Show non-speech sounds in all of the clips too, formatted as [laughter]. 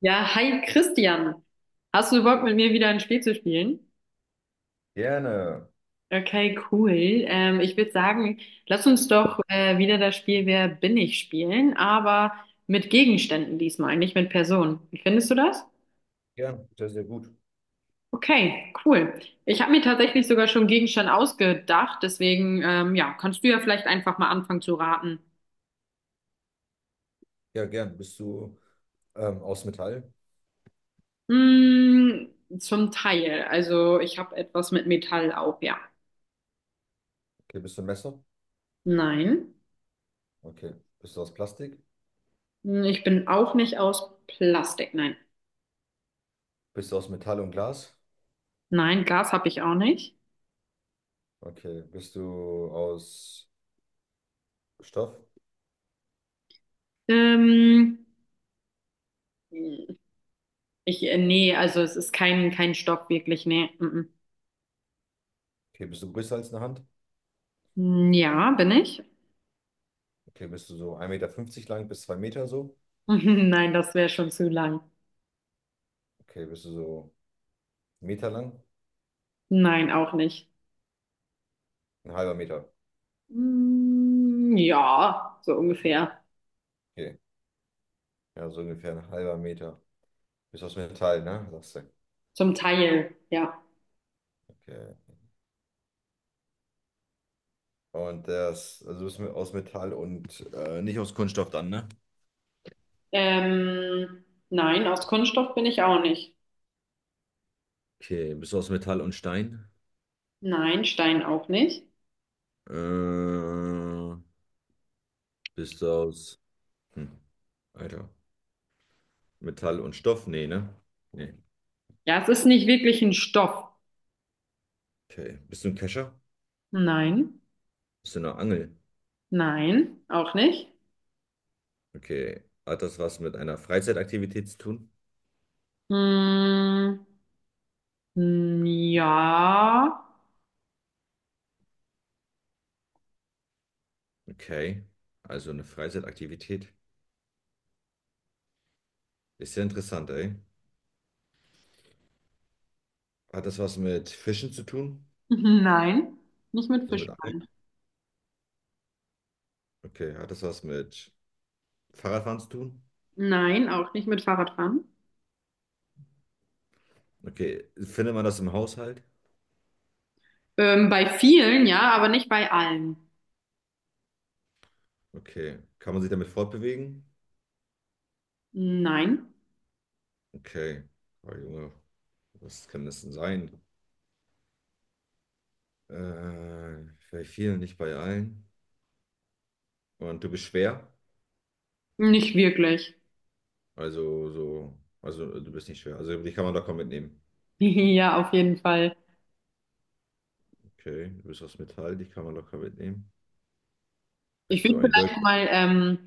Ja, hi Christian. Hast du Bock, mit mir wieder ein Spiel zu spielen? Gerne. Okay, cool. Ich würde sagen, lass uns doch wieder das Spiel Wer bin ich spielen, aber mit Gegenständen diesmal, nicht mit Personen. Wie findest du das? Gern. Sehr, sehr gut. Okay, cool. Ich habe mir tatsächlich sogar schon einen Gegenstand ausgedacht, deswegen ja, kannst du ja vielleicht einfach mal anfangen zu raten. Ja, gern. Bist du aus Metall? Hm, zum Teil. Also ich habe etwas mit Metall auch, ja. Okay, bist du ein Messer? Nein. Okay. Bist du aus Plastik? Hm, ich bin auch nicht aus Plastik, nein. Bist du aus Metall und Glas? Nein, Gas habe ich auch nicht. Okay. Bist du aus Stoff? Ähm, Ich, nee, also es ist kein Stopp wirklich, nee. Mm, Okay, bist du größer als eine Hand? mm. Ja, bin ich? Okay, bist du so 1,50 m lang bis 2 m so? [laughs] Nein, das wäre schon zu lang. Okay, bist du so 1 m lang? Nein, auch nicht. Ein halber Meter. Mm, ja, so ungefähr. Okay. Ja, so ungefähr ein halber Meter. Bist aus Metall, ne? Sagst du. Zum Teil, ja. Okay. Und das, also bist du aus Metall und nicht aus Kunststoff dann, ne? Ähm, nein, aus Kunststoff bin ich auch nicht. Okay, bist du aus Metall und Stein? Nein, Stein auch nicht. Äh, Bist du aus, hm, Alter, Metall und Stoff? Nee, ne? Nee. Ja, es ist nicht wirklich ein Stoff. Okay. Bist du ein Kescher? Nein, Bist du eine Angel? nein, auch nicht. Okay. Hat das was mit einer Freizeitaktivität zu tun? Mm, mm, ja. Okay. Also eine Freizeitaktivität. Ist ja interessant, ey. Hat das was mit Fischen zu tun? [laughs] Nein, nicht mit Also mit Fischen. Angeln? Nein, Okay. Hat das was mit Fahrradfahren zu tun? nein, auch nicht mit Fahrradfahren. Okay. Findet man das im Haushalt? Bei vielen, ja, aber nicht bei allen. Okay. Kann man sich damit fortbewegen? Nein, Okay. Oh, Junge, was kann das denn sein? Äh, bei vielen, nicht bei allen. Und du bist schwer. nicht wirklich. [laughs] Also so, also du bist nicht schwer. Also die kann man locker mitnehmen. Ja, auf jeden Fall. Okay, du bist aus Metall, die kann man locker mitnehmen. Ich Bist du würde ein Dirk? vielleicht mal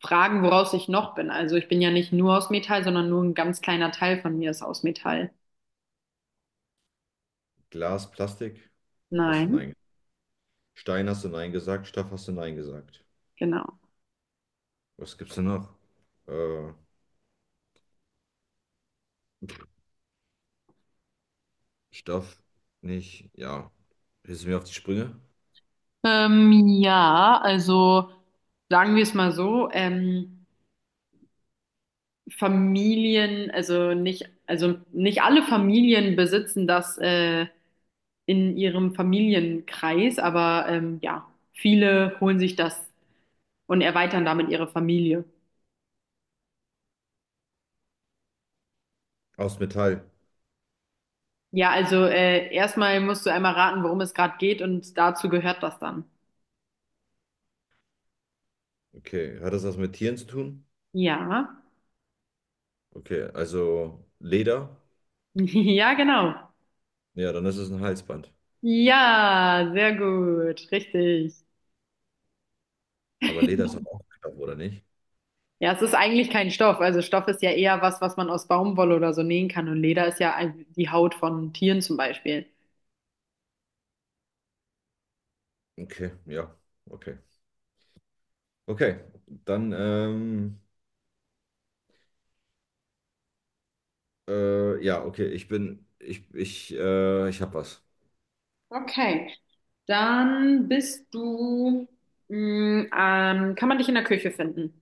fragen, woraus ich noch bin. Also ich bin ja nicht nur aus Metall, sondern nur ein ganz kleiner Teil von mir ist aus Metall. Glas, Plastik? Hast du Nein, nein. Stein hast du nein gesagt, Stoff hast du nein gesagt. genau. Was gibt's denn noch? Äh, Stoff nicht. Ja. Hilfst du mir auf die Sprünge? Ja, also sagen wir es mal so. Familien, also nicht alle Familien besitzen das in ihrem Familienkreis, aber ja, viele holen sich das und erweitern damit ihre Familie. Aus Metall. Ja, also erstmal musst du einmal raten, worum es gerade geht und dazu gehört das dann. Okay. Hat das was mit Tieren zu tun? Ja, Okay, also Leder? [laughs] ja, genau. Ja, dann ist es ein Halsband. Ja, sehr gut, richtig. Aber Leder ist doch auch Stoff, oder nicht? Ja, es ist eigentlich kein Stoff. Also Stoff ist ja eher was, was man aus Baumwolle oder so nähen kann. Und Leder ist ja ein- die Haut von Tieren zum Beispiel. Okay, ja, okay. Okay, dann, ja, okay, ich bin, ich, ich hab was. Okay. Dann bist du, mh, kann man dich in der Küche finden?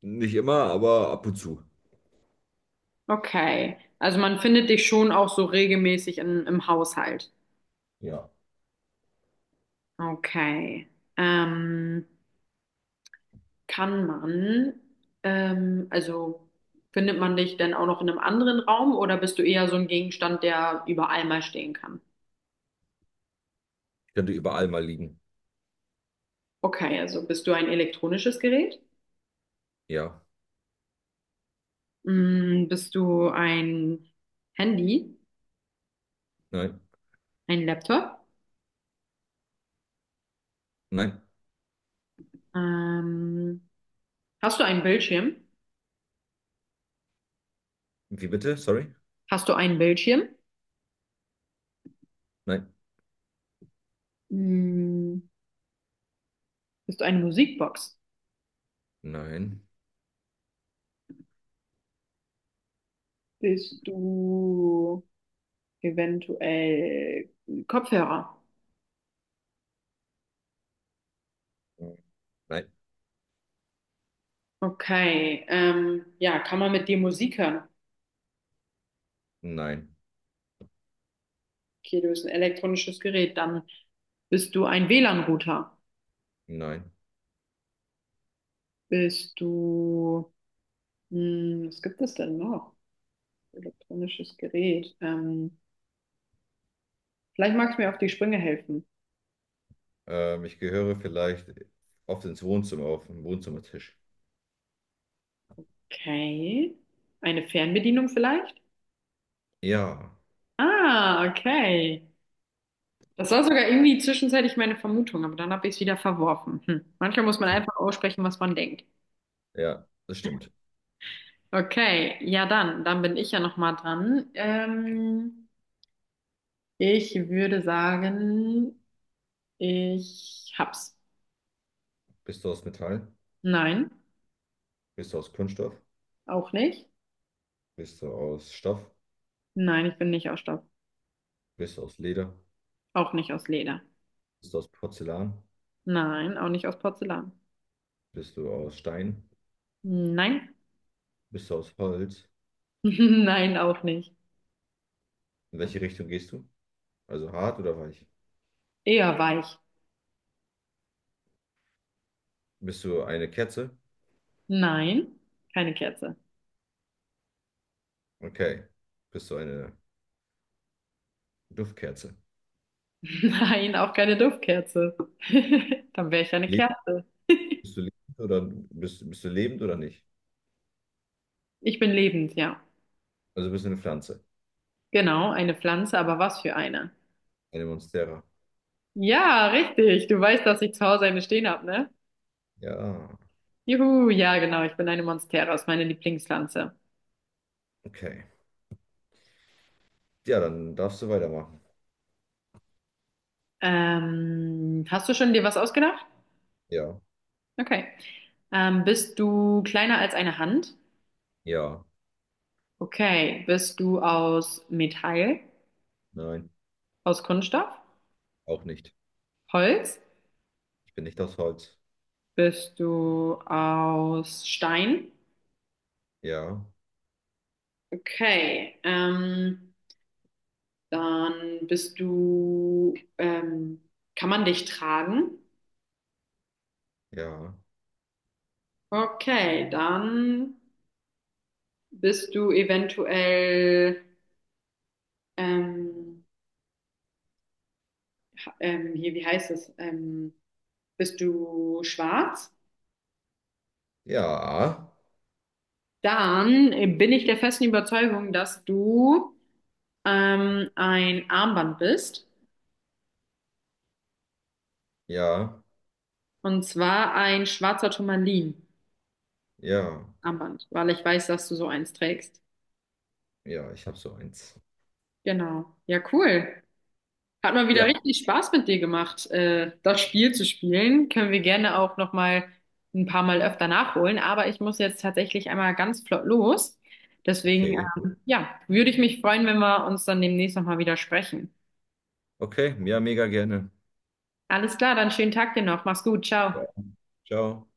Nicht immer, aber ab und zu. Okay. Also man findet dich schon auch so regelmäßig in, im Haushalt. Ja. Okay. Ähm, Kann man, also findet man dich denn auch noch in einem anderen Raum oder bist du eher so ein Gegenstand, der überall mal stehen kann? Könnte überall mal liegen. Okay, also bist du ein elektronisches Gerät? Ja. Mm, bist du ein Handy, Nein. ein Laptop? Nein. Ähm, Hast du einen Bildschirm? Wie bitte? Sorry? Hast du einen Bildschirm? Nein. Hm, bist du eine Musikbox? Nein. Bist du eventuell Kopfhörer? Nein. Okay, ja, kann man mit dir Musik hören? Nein. Okay, du bist ein elektronisches Gerät. Dann bist du ein WLAN-Router. Nein. Bist du, hm, was gibt es denn noch? Elektronisches Gerät. Vielleicht magst du mir auf die Sprünge helfen. Ich gehöre vielleicht oft ins Wohnzimmer, auf den Wohnzimmertisch. Okay, eine Fernbedienung vielleicht? Ja. Ah, okay. Das war sogar irgendwie zwischenzeitlich meine Vermutung, aber dann habe ich es wieder verworfen. Hm. Manchmal muss man einfach aussprechen, was man denkt. Ja, das stimmt. Okay, ja dann, dann bin ich ja noch mal dran. Ich würde sagen, ich hab's. Bist du aus Metall? Nein, Bist du aus Kunststoff? auch nicht. Bist du aus Stoff? Nein, ich bin nicht aus Stoff. Bist du aus Leder? Auch nicht aus Leder. Bist du aus Porzellan? Nein, auch nicht aus Porzellan. Bist du aus Stein? Nein. Bist du aus Holz? [laughs] Nein, auch nicht. In welche Richtung gehst du? Also hart oder weich? Eher weich. Bist du eine Kerze? Nein, keine Kerze. Okay. Bist du eine Duftkerze? [laughs] Nein, auch keine Duftkerze. [laughs] Dann wäre ich ja eine Lebst, Kerze. bist du lebend oder bist du lebend oder nicht? Ich bin lebend, ja. Also bist du eine Pflanze, Genau, eine Pflanze, aber was für eine? eine Monstera. Ja, richtig. Du weißt, dass ich zu Hause eine stehen habe, ne? Ja, Juhu, ja, genau. Ich bin eine Monstera, ist meine Lieblingspflanze. okay. Ja, dann darfst du weitermachen. Hast du schon dir was ausgedacht? Ja, Okay. Bist du kleiner als eine Hand? ja, Okay. Bist du aus Metall? nein, Aus Kunststoff? auch nicht. Holz? Ich bin nicht aus Holz. Bist du aus Stein? Ja, Okay. Dann bist du, kann man dich tragen? ja, Okay, dann bist du eventuell, ähm, hier, wie heißt es? Bist du schwarz? ja, Dann bin ich der festen Überzeugung, dass du ein Armband bist. ja, Und zwar ein schwarzer Turmalin-Armband, ja, weil ich weiß, dass du so eins trägst. ja. Ich habe so eins. Genau. Ja, cool. Hat mal wieder Ja. richtig Spaß mit dir gemacht, das Spiel zu spielen. Können wir gerne auch noch mal ein paar Mal öfter nachholen. Aber ich muss jetzt tatsächlich einmal ganz flott los. Deswegen, Okay. Ja, würde ich mich freuen, wenn wir uns dann demnächst noch mal wieder sprechen. Okay, ja, mega gerne. Alles klar, dann schönen Tag dir noch. Mach's gut, ciao. Ja. Ciao.